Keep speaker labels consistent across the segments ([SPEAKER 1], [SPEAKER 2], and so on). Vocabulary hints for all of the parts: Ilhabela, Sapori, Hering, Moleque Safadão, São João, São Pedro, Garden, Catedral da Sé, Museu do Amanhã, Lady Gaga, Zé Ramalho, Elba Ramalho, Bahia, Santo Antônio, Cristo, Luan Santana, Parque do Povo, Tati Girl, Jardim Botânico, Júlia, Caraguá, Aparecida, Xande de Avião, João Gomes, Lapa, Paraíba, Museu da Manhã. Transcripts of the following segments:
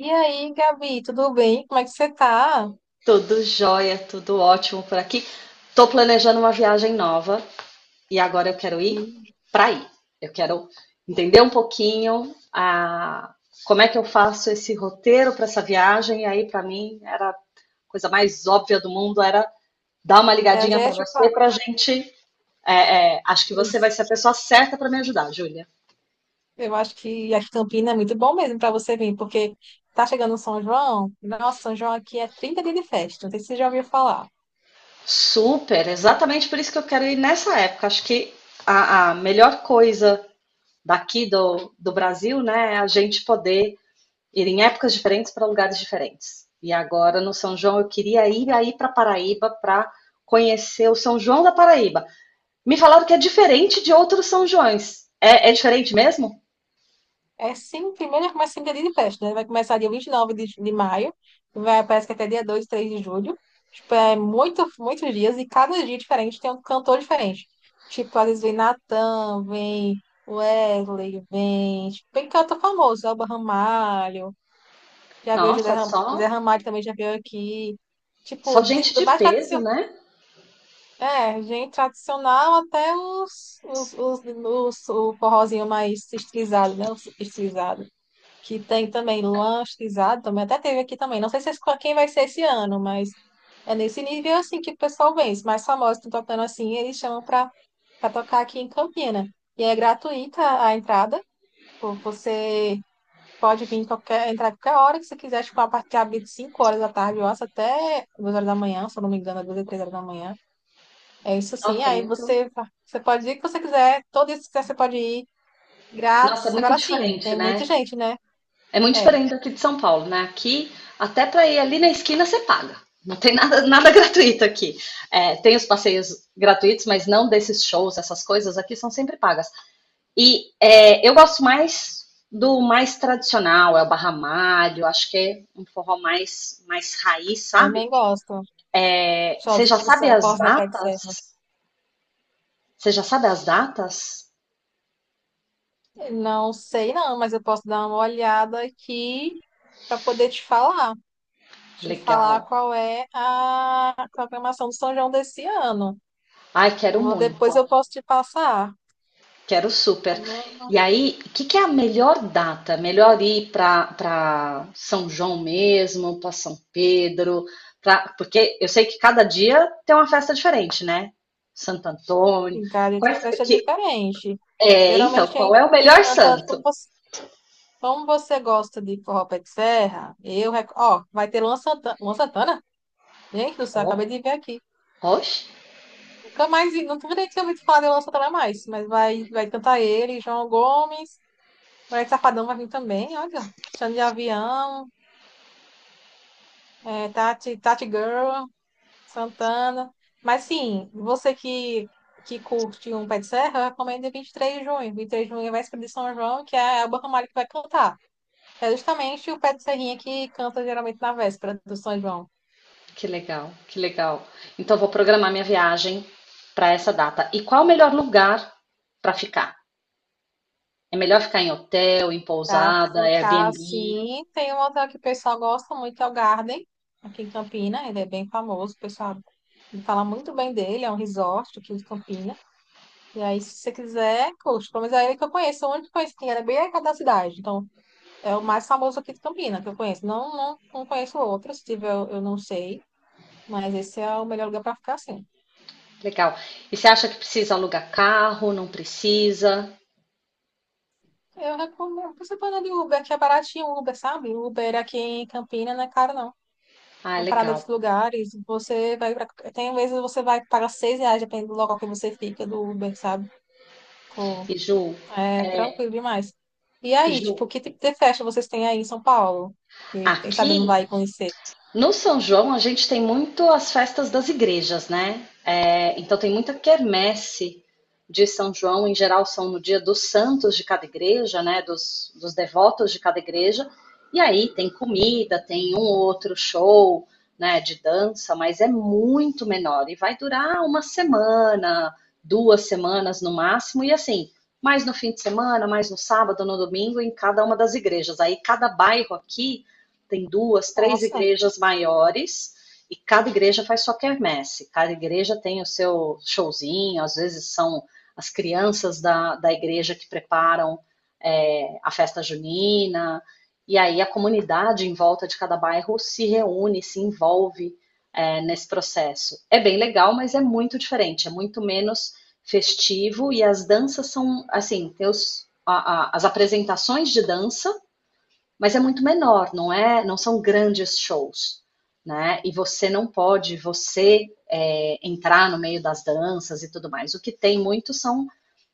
[SPEAKER 1] E aí, Gabi, tudo bem? Como é que você tá?
[SPEAKER 2] Tudo jóia, tudo ótimo por aqui. Tô planejando uma viagem nova e agora eu quero ir
[SPEAKER 1] Me-
[SPEAKER 2] para aí. Eu quero entender um pouquinho a como é que eu faço esse roteiro para essa viagem e aí para mim era a coisa mais óbvia do mundo era dar uma
[SPEAKER 1] Eu já
[SPEAKER 2] ligadinha
[SPEAKER 1] ia
[SPEAKER 2] para
[SPEAKER 1] te
[SPEAKER 2] você
[SPEAKER 1] falar.
[SPEAKER 2] para a gente. Acho que
[SPEAKER 1] Eu
[SPEAKER 2] você vai ser a pessoa certa para me ajudar, Júlia.
[SPEAKER 1] eu acho que a Campina é muito bom mesmo para você vir, porque tá chegando o São João. Nossa, São João aqui é 30 dias de festa. Não sei se você já ouviu falar.
[SPEAKER 2] Super, exatamente por isso que eu quero ir nessa época. Acho que a melhor coisa daqui do Brasil, né, a gente poder ir em épocas diferentes para lugares diferentes. E agora no São João eu queria ir aí para Paraíba para conhecer o São João da Paraíba. Me falaram que é diferente de outros São Joões. É diferente mesmo?
[SPEAKER 1] É sim, primeiro começa em dia de festa, né? Vai começar dia 29 de maio, vai, parece que até dia 2, 3 de julho. Tipo, é muito, muitos dias, e cada dia diferente tem um cantor diferente. Tipo, às vezes vem Natan, vem Wesley, vem, tipo, vem cantor famoso, Elba Ramalho, já veio
[SPEAKER 2] Nossa,
[SPEAKER 1] Zé
[SPEAKER 2] só
[SPEAKER 1] Ramalho também já veio aqui. Tipo,
[SPEAKER 2] só gente
[SPEAKER 1] do
[SPEAKER 2] de
[SPEAKER 1] mais
[SPEAKER 2] peso,
[SPEAKER 1] tradicional,
[SPEAKER 2] né?
[SPEAKER 1] é, gente tradicional até o forrozinho mais estilizado, né? Os estilizado que tem também Luan Stizado, também até teve aqui também. Não sei se, quem vai ser esse ano, mas é nesse nível assim que o pessoal vem. Os mais famosos estão tocando assim, eles chamam para tocar aqui em Campina. E é gratuita a entrada. Pô, você pode vir em qualquer, entrar em qualquer hora que você quiser, tipo, a partir de abre de 5 horas da tarde, eu acho, até 2 horas da manhã, se eu não me engano, 2 e 3 horas da manhã. É isso sim.
[SPEAKER 2] Nossa, é muito,
[SPEAKER 1] Você pode ir o que você quiser, todo isso que você quiser, você pode ir
[SPEAKER 2] nossa, é
[SPEAKER 1] grátis.
[SPEAKER 2] muito
[SPEAKER 1] Agora sim,
[SPEAKER 2] diferente,
[SPEAKER 1] tem
[SPEAKER 2] né?
[SPEAKER 1] muita gente, né?
[SPEAKER 2] É muito
[SPEAKER 1] É,
[SPEAKER 2] diferente aqui de São Paulo, né? Aqui, até para ir ali na esquina, você paga. Não tem nada, nada gratuito aqui. É, tem os passeios gratuitos, mas não desses shows, essas coisas aqui são sempre pagas. E eu gosto mais do mais tradicional, é o barramalho, acho que é um forró mais raiz, sabe?
[SPEAKER 1] também gosto.
[SPEAKER 2] É, você
[SPEAKER 1] Sozinho,
[SPEAKER 2] já sabe
[SPEAKER 1] eu
[SPEAKER 2] as
[SPEAKER 1] posso dar para serva.
[SPEAKER 2] datas? Você já sabe as datas?
[SPEAKER 1] Não sei não, mas eu posso dar uma olhada aqui para poder te
[SPEAKER 2] Legal.
[SPEAKER 1] falar qual é a programação do São João desse ano.
[SPEAKER 2] Ai, quero
[SPEAKER 1] Vou, depois
[SPEAKER 2] muito.
[SPEAKER 1] eu posso te passar.
[SPEAKER 2] Quero
[SPEAKER 1] Tá
[SPEAKER 2] super.
[SPEAKER 1] bom?
[SPEAKER 2] E aí, o que, que é a melhor data? Melhor ir para São João mesmo, para São Pedro, porque eu sei que cada dia tem uma festa diferente, né? Santo Antônio.
[SPEAKER 1] Em cada tem uma
[SPEAKER 2] Quais,
[SPEAKER 1] festa
[SPEAKER 2] que,
[SPEAKER 1] diferente.
[SPEAKER 2] então,
[SPEAKER 1] Geralmente quem
[SPEAKER 2] qual é o melhor
[SPEAKER 1] canta
[SPEAKER 2] santo?
[SPEAKER 1] como você gosta de forró pé de serra, eu, ó, vai ter Luan Santana, Luan Santana? Gente do céu, acabei
[SPEAKER 2] Oh,
[SPEAKER 1] de ver aqui.
[SPEAKER 2] oxe,
[SPEAKER 1] Nunca mais, não nem tinha ouvido falar de Luan Santana mais, mas vai, vai cantar ele, João Gomes, Moleque Safadão vai vir também, olha, Xande de Avião, é, Tati Girl, Santana. Mas sim, que curte um pé de serra, eu recomendo 23 de junho. Vinte e três de junho vai ser de São João, que é a Elba Ramalho que vai cantar. É justamente o pé de serrinha que canta geralmente na véspera do São João.
[SPEAKER 2] que legal, que legal. Então, vou programar minha viagem para essa data. E qual é o melhor lugar para ficar? É melhor ficar em hotel, em
[SPEAKER 1] Pra
[SPEAKER 2] pousada,
[SPEAKER 1] ficar
[SPEAKER 2] Airbnb?
[SPEAKER 1] assim. Tem um hotel que o pessoal gosta muito, é o Garden, aqui em Campina. Ele é bem famoso, o pessoal fala muito bem dele. É um resort aqui de Campina. E aí, se você quiser, curte. Pelo menos é ele que eu conheço. O único que eu conheço que era bem aqui da cidade. Então, é o mais famoso aqui de Campina que eu conheço. Não conheço outro. Se tiver, eu não sei. Mas esse é o melhor lugar para ficar assim.
[SPEAKER 2] Legal. E você acha que precisa alugar carro? Não precisa?
[SPEAKER 1] Eu recomendo. Você pode andar de Uber, que é baratinho o Uber, sabe? Uber aqui em Campina não é caro, não.
[SPEAKER 2] Ah,
[SPEAKER 1] Uma parada dos
[SPEAKER 2] legal.
[SPEAKER 1] lugares, você vai pra... tem vezes você vai pagar seis reais, dependendo do local que você fica, do Uber, sabe? Pô,
[SPEAKER 2] E Ju,
[SPEAKER 1] é tranquilo demais. E
[SPEAKER 2] e
[SPEAKER 1] aí,
[SPEAKER 2] Ju,
[SPEAKER 1] tipo, que tipo de festa vocês têm aí em São Paulo? Que quem sabe não
[SPEAKER 2] aqui
[SPEAKER 1] vai conhecer.
[SPEAKER 2] no São João, a gente tem muito as festas das igrejas, né? É, então, tem muita quermesse de São João. Em geral, são no dia dos santos de cada igreja, né? Dos devotos de cada igreja. E aí tem comida, tem um outro show, né? De dança, mas é muito menor. E vai durar uma semana, 2 semanas no máximo. E assim, mais no fim de semana, mais no sábado, no domingo, em cada uma das igrejas. Aí, cada bairro aqui tem duas, três
[SPEAKER 1] Nossa,
[SPEAKER 2] igrejas maiores e cada igreja faz sua quermesse, cada igreja tem o seu showzinho, às vezes são as crianças da igreja que preparam a festa junina, e aí a comunidade em volta de cada bairro se reúne, se envolve nesse processo. É bem legal, mas é muito diferente, é muito menos festivo, e as danças são, assim, tem as apresentações de dança mas é muito menor, não é? Não são grandes shows, né? E você não pode, você entrar no meio das danças e tudo mais. O que tem muito são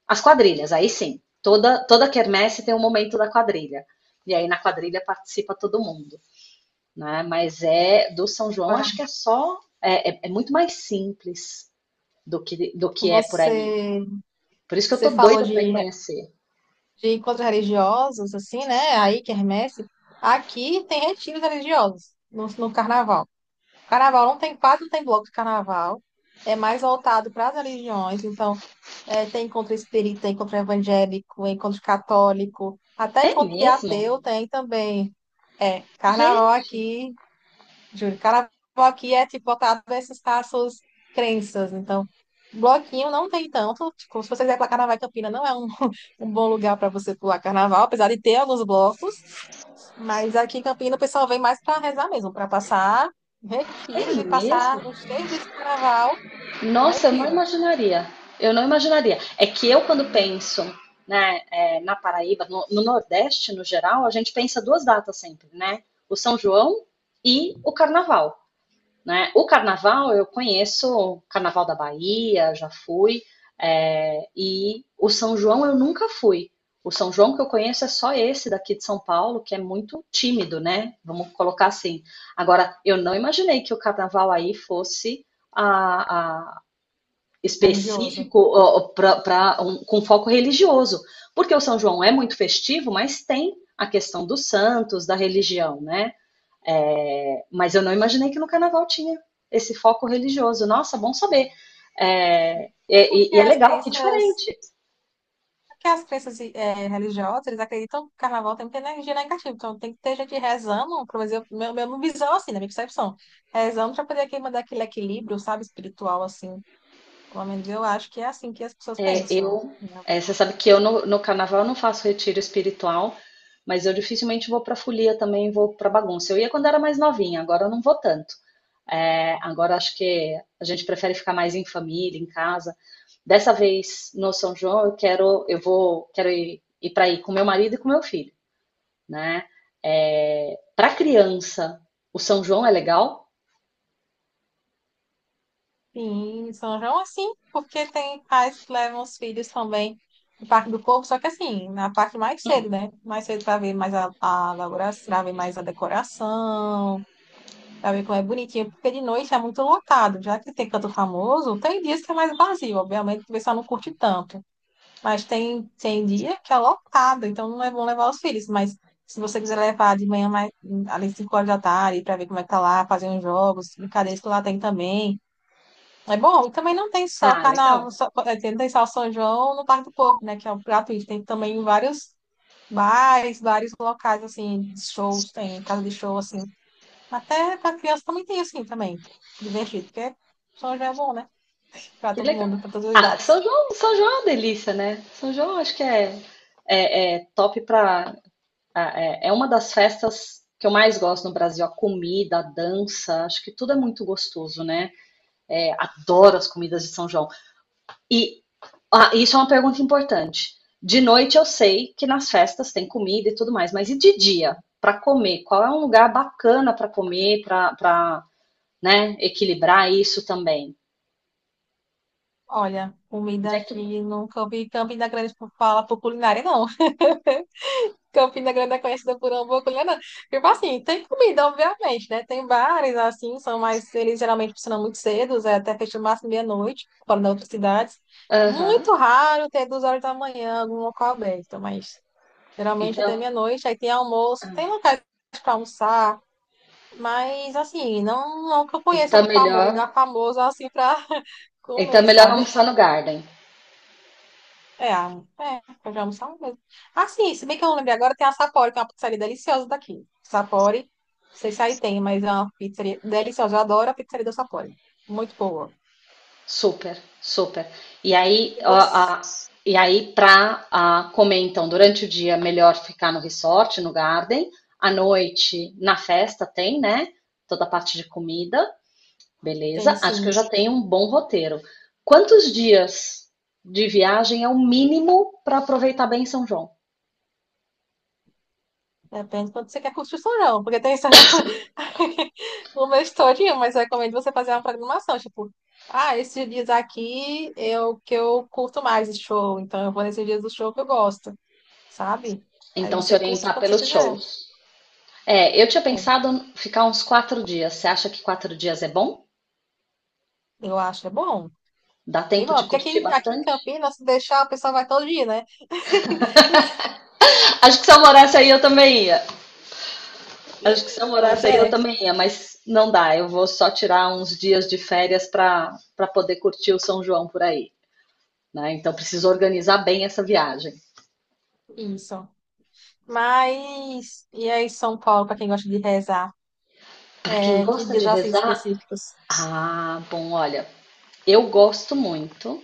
[SPEAKER 2] as quadrilhas. Aí sim, toda quermesse tem um momento da quadrilha. E aí na quadrilha participa todo mundo, né? Mas é do São João,
[SPEAKER 1] agora
[SPEAKER 2] acho que é só muito mais simples do que é por aí.
[SPEAKER 1] você,
[SPEAKER 2] Por isso que eu
[SPEAKER 1] você
[SPEAKER 2] tô
[SPEAKER 1] falou
[SPEAKER 2] doida para ir conhecer.
[SPEAKER 1] de encontros religiosos, assim, né? Aí, quermesse. Aqui tem retiros religiosos no carnaval. Carnaval não tem, quase não tem bloco de carnaval. É mais voltado para as religiões. Então, é, tem encontro espírita, encontro evangélico, encontro católico, até
[SPEAKER 2] É
[SPEAKER 1] encontro de
[SPEAKER 2] mesmo?
[SPEAKER 1] ateu tem também. É, carnaval
[SPEAKER 2] Gente,
[SPEAKER 1] aqui, Júlio, carnaval aqui é tipo voltado para essas casos, crenças. Então, bloquinho não tem tanto. Tipo, se você quiser pular carnaval em Campina, não é um, um bom lugar para você pular carnaval, apesar de ter alguns blocos. Mas aqui em Campinas o pessoal vem mais para rezar mesmo, para passar retiros
[SPEAKER 2] é
[SPEAKER 1] e
[SPEAKER 2] mesmo?
[SPEAKER 1] passar os três dias de carnaval no
[SPEAKER 2] Nossa, eu não
[SPEAKER 1] retiro
[SPEAKER 2] imaginaria. Eu não imaginaria. É que eu, quando penso, né, na Paraíba, no Nordeste, no geral, a gente pensa duas datas sempre, né? O São João e o Carnaval, né? O Carnaval, eu conheço o Carnaval da Bahia, já fui, e o São João eu nunca fui. O São João que eu conheço é só esse daqui de São Paulo, que é muito tímido, né? Vamos colocar assim. Agora, eu não imaginei que o carnaval aí fosse a, a,
[SPEAKER 1] religioso.
[SPEAKER 2] específico, ó, com foco religioso, porque o São João é muito festivo, mas tem a questão dos santos, da religião, né? É, mas eu não imaginei que no carnaval tinha esse foco religioso. Nossa, bom saber. É, e,
[SPEAKER 1] Porque
[SPEAKER 2] e- e é
[SPEAKER 1] as
[SPEAKER 2] legal, que é
[SPEAKER 1] crenças,
[SPEAKER 2] diferente.
[SPEAKER 1] porque as crenças religiosas, eles acreditam que o carnaval tem muita energia negativa. Então tem que ter gente rezando, pelo menos meu visão assim, na minha percepção. Rezando para poder aqui mandar aquele equilíbrio, sabe, espiritual assim. Pelo menos eu acho que é assim que as pessoas
[SPEAKER 2] É,
[SPEAKER 1] pensam, né?
[SPEAKER 2] você sabe que eu no carnaval não faço retiro espiritual, mas eu dificilmente vou para folia também, vou para bagunça. Eu ia quando era mais novinha, agora eu não vou tanto. É, agora acho que a gente prefere ficar mais em família, em casa. Dessa vez no São João eu quero, eu vou, quero ir, ir para ir com meu marido e com meu filho, né? É, para criança, o São João é legal?
[SPEAKER 1] Sim, São João assim, porque tem pais que levam os filhos também no Parque do Povo, só que assim, na parte mais cedo, né? Mais cedo para ver mais a elaboração, para ver mais a decoração, para ver como é bonitinho, porque de noite é muito lotado, já que tem canto famoso, tem dias que é mais vazio, obviamente que o pessoal não curte tanto, mas tem, tem dia que é lotado, então não é bom levar os filhos, mas se você quiser levar de manhã mais, ali 5 horas da tarde, para ver como é que tá lá, fazer uns jogos, brincadeiras que lá tem também é bom, e também não tem só
[SPEAKER 2] Ah, legal.
[SPEAKER 1] carnaval, não tem só São João no Parque do Povo, né? Que é um gratuito. Tem também vários bares, vários locais, assim, de shows, tem casa de show, assim. Até para criança também tem, assim, também. Divertido, porque São João é bom, né? Para
[SPEAKER 2] Que
[SPEAKER 1] todo
[SPEAKER 2] legal.
[SPEAKER 1] mundo, para todas as
[SPEAKER 2] Ah, São
[SPEAKER 1] idades.
[SPEAKER 2] João, São João é uma delícia, né? São João acho que é top pra. Ah, É uma das festas que eu mais gosto no Brasil. A comida, a dança, acho que tudo é muito gostoso, né? É, adoro as comidas de São João. E ah, isso é uma pergunta importante. De noite eu sei que nas festas tem comida e tudo mais, mas e de dia? Pra comer? Qual é um lugar bacana pra comer, né, equilibrar isso também?
[SPEAKER 1] Olha,
[SPEAKER 2] Onde
[SPEAKER 1] comida
[SPEAKER 2] é que-
[SPEAKER 1] aqui, nunca ouvi Campina Grande por fala por culinária, não. Campina Grande é conhecida por hambúrguer, não. Tipo assim, tem comida, obviamente, né? Tem bares, assim, são mais... Eles geralmente funcionam muito cedo, é, até fecham no máximo meia-noite, fora das outras cidades.
[SPEAKER 2] Aham.
[SPEAKER 1] Muito raro ter duas horas da manhã algum local aberto, mas geralmente até
[SPEAKER 2] Então.
[SPEAKER 1] meia-noite. Aí tem almoço, tem locais para almoçar, mas, assim, não que eu conheça
[SPEAKER 2] Então
[SPEAKER 1] algum um
[SPEAKER 2] melhor,
[SPEAKER 1] lugar famoso, assim, para
[SPEAKER 2] então
[SPEAKER 1] comer,
[SPEAKER 2] melhor
[SPEAKER 1] sabe?
[SPEAKER 2] almoçar no Garden.
[SPEAKER 1] Pode almoçar uma vez. Ah, sim, se bem que eu não lembrei agora, tem a Sapori, que é uma pizzaria deliciosa daqui. Sapori, não sei se aí tem, mas é uma pizzaria deliciosa. Eu adoro a pizzaria da Sapori. Muito boa.
[SPEAKER 2] Super, super. E aí,
[SPEAKER 1] E
[SPEAKER 2] ó,
[SPEAKER 1] você
[SPEAKER 2] a- e aí, para comer então durante o dia melhor ficar no resort, no Garden. À noite na festa tem, né? Toda a parte de comida,
[SPEAKER 1] tem,
[SPEAKER 2] beleza? Acho que eu
[SPEAKER 1] sim.
[SPEAKER 2] já tenho um bom roteiro. Quantos dias de viagem é o mínimo para aproveitar bem São João?
[SPEAKER 1] Depende de quanto você quer curtir o restaurante, porque tem restaurante no mês todinho, mas eu recomendo você fazer uma programação, tipo, ah, esses dias aqui é o que eu curto mais de show, então eu vou nesses dias do show que eu gosto, sabe? Aí
[SPEAKER 2] Então se
[SPEAKER 1] você curte
[SPEAKER 2] orientar
[SPEAKER 1] quando você
[SPEAKER 2] pelos
[SPEAKER 1] quiser.
[SPEAKER 2] shows. É, eu tinha
[SPEAKER 1] É,
[SPEAKER 2] pensado ficar uns 4 dias. Você acha que 4 dias é bom?
[SPEAKER 1] eu acho, é bom.
[SPEAKER 2] Dá tempo
[SPEAKER 1] Demora,
[SPEAKER 2] de
[SPEAKER 1] porque
[SPEAKER 2] curtir
[SPEAKER 1] aqui em
[SPEAKER 2] bastante?
[SPEAKER 1] Campinas, se deixar, o pessoal vai todo dia, né?
[SPEAKER 2] Acho que se eu morasse aí eu também ia. Acho que se eu
[SPEAKER 1] Pois
[SPEAKER 2] morasse aí eu
[SPEAKER 1] é,
[SPEAKER 2] também ia, mas não dá. Eu vou só tirar uns dias de férias para poder curtir o São João por aí, né? Então preciso organizar bem essa viagem.
[SPEAKER 1] isso. Mas, e aí, São Paulo, para quem gosta de rezar?
[SPEAKER 2] Para quem
[SPEAKER 1] É, que
[SPEAKER 2] gosta de
[SPEAKER 1] dias assim
[SPEAKER 2] rezar,
[SPEAKER 1] específicos?
[SPEAKER 2] ah, bom, olha, eu gosto muito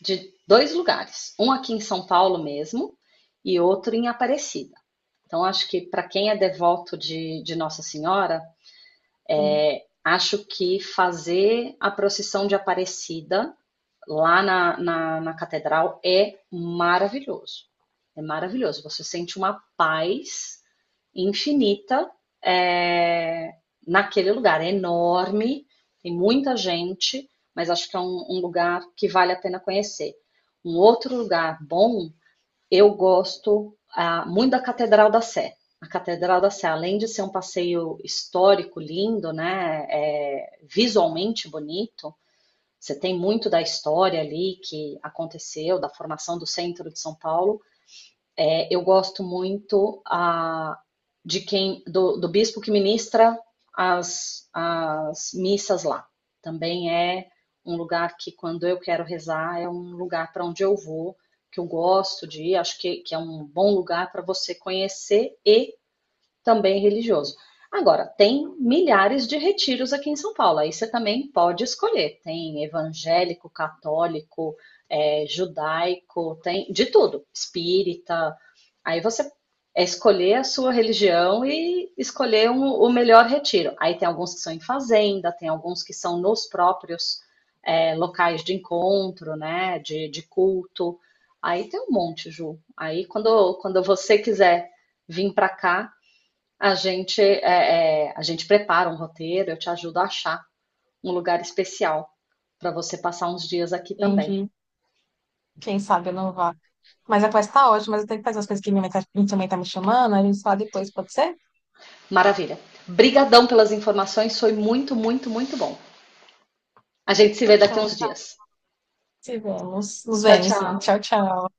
[SPEAKER 2] de dois lugares, um aqui em São Paulo mesmo e outro em Aparecida. Então acho que para quem é devoto de Nossa Senhora,
[SPEAKER 1] Sim,
[SPEAKER 2] acho que fazer a procissão de Aparecida lá na catedral é maravilhoso. É maravilhoso. Você sente uma paz infinita é, naquele lugar. É enorme, tem muita gente, mas acho que é um lugar que vale a pena conhecer. Um outro lugar bom eu gosto, ah, muito da Catedral da Sé. A Catedral da Sé, além de ser um passeio histórico lindo, né, é visualmente bonito, você tem muito da história ali que aconteceu, da formação do centro de São Paulo, eu gosto muito a, de quem do, do bispo que ministra as missas lá. Também é um lugar que, quando eu quero rezar, é um lugar para onde eu vou, que eu gosto de ir. Acho que é um bom lugar para você conhecer e também religioso. Agora, tem milhares de retiros aqui em São Paulo, aí você também pode escolher. Tem evangélico, católico, judaico, tem de tudo, espírita. Aí você escolher a sua religião e escolher o melhor retiro. Aí tem alguns que são em fazenda, tem alguns que são nos próprios locais de encontro, né, de culto. Aí tem um monte, Ju. Aí quando você quiser vir para cá, a gente prepara um roteiro, eu te ajudo a achar um lugar especial para você passar uns dias aqui também.
[SPEAKER 1] entendi. Quem sabe eu não vá. Mas a conversa tá ótima, mas eu tenho que fazer as coisas que minha mãe tá me chamando, a gente fala depois, pode ser?
[SPEAKER 2] Maravilha. Brigadão pelas informações, foi muito, muito, muito bom. A gente se vê daqui a
[SPEAKER 1] Então,
[SPEAKER 2] uns
[SPEAKER 1] tá,
[SPEAKER 2] dias.
[SPEAKER 1] se vemos. Nos
[SPEAKER 2] Tchau,
[SPEAKER 1] vemos, sim.
[SPEAKER 2] tchau.
[SPEAKER 1] Tchau, tchau.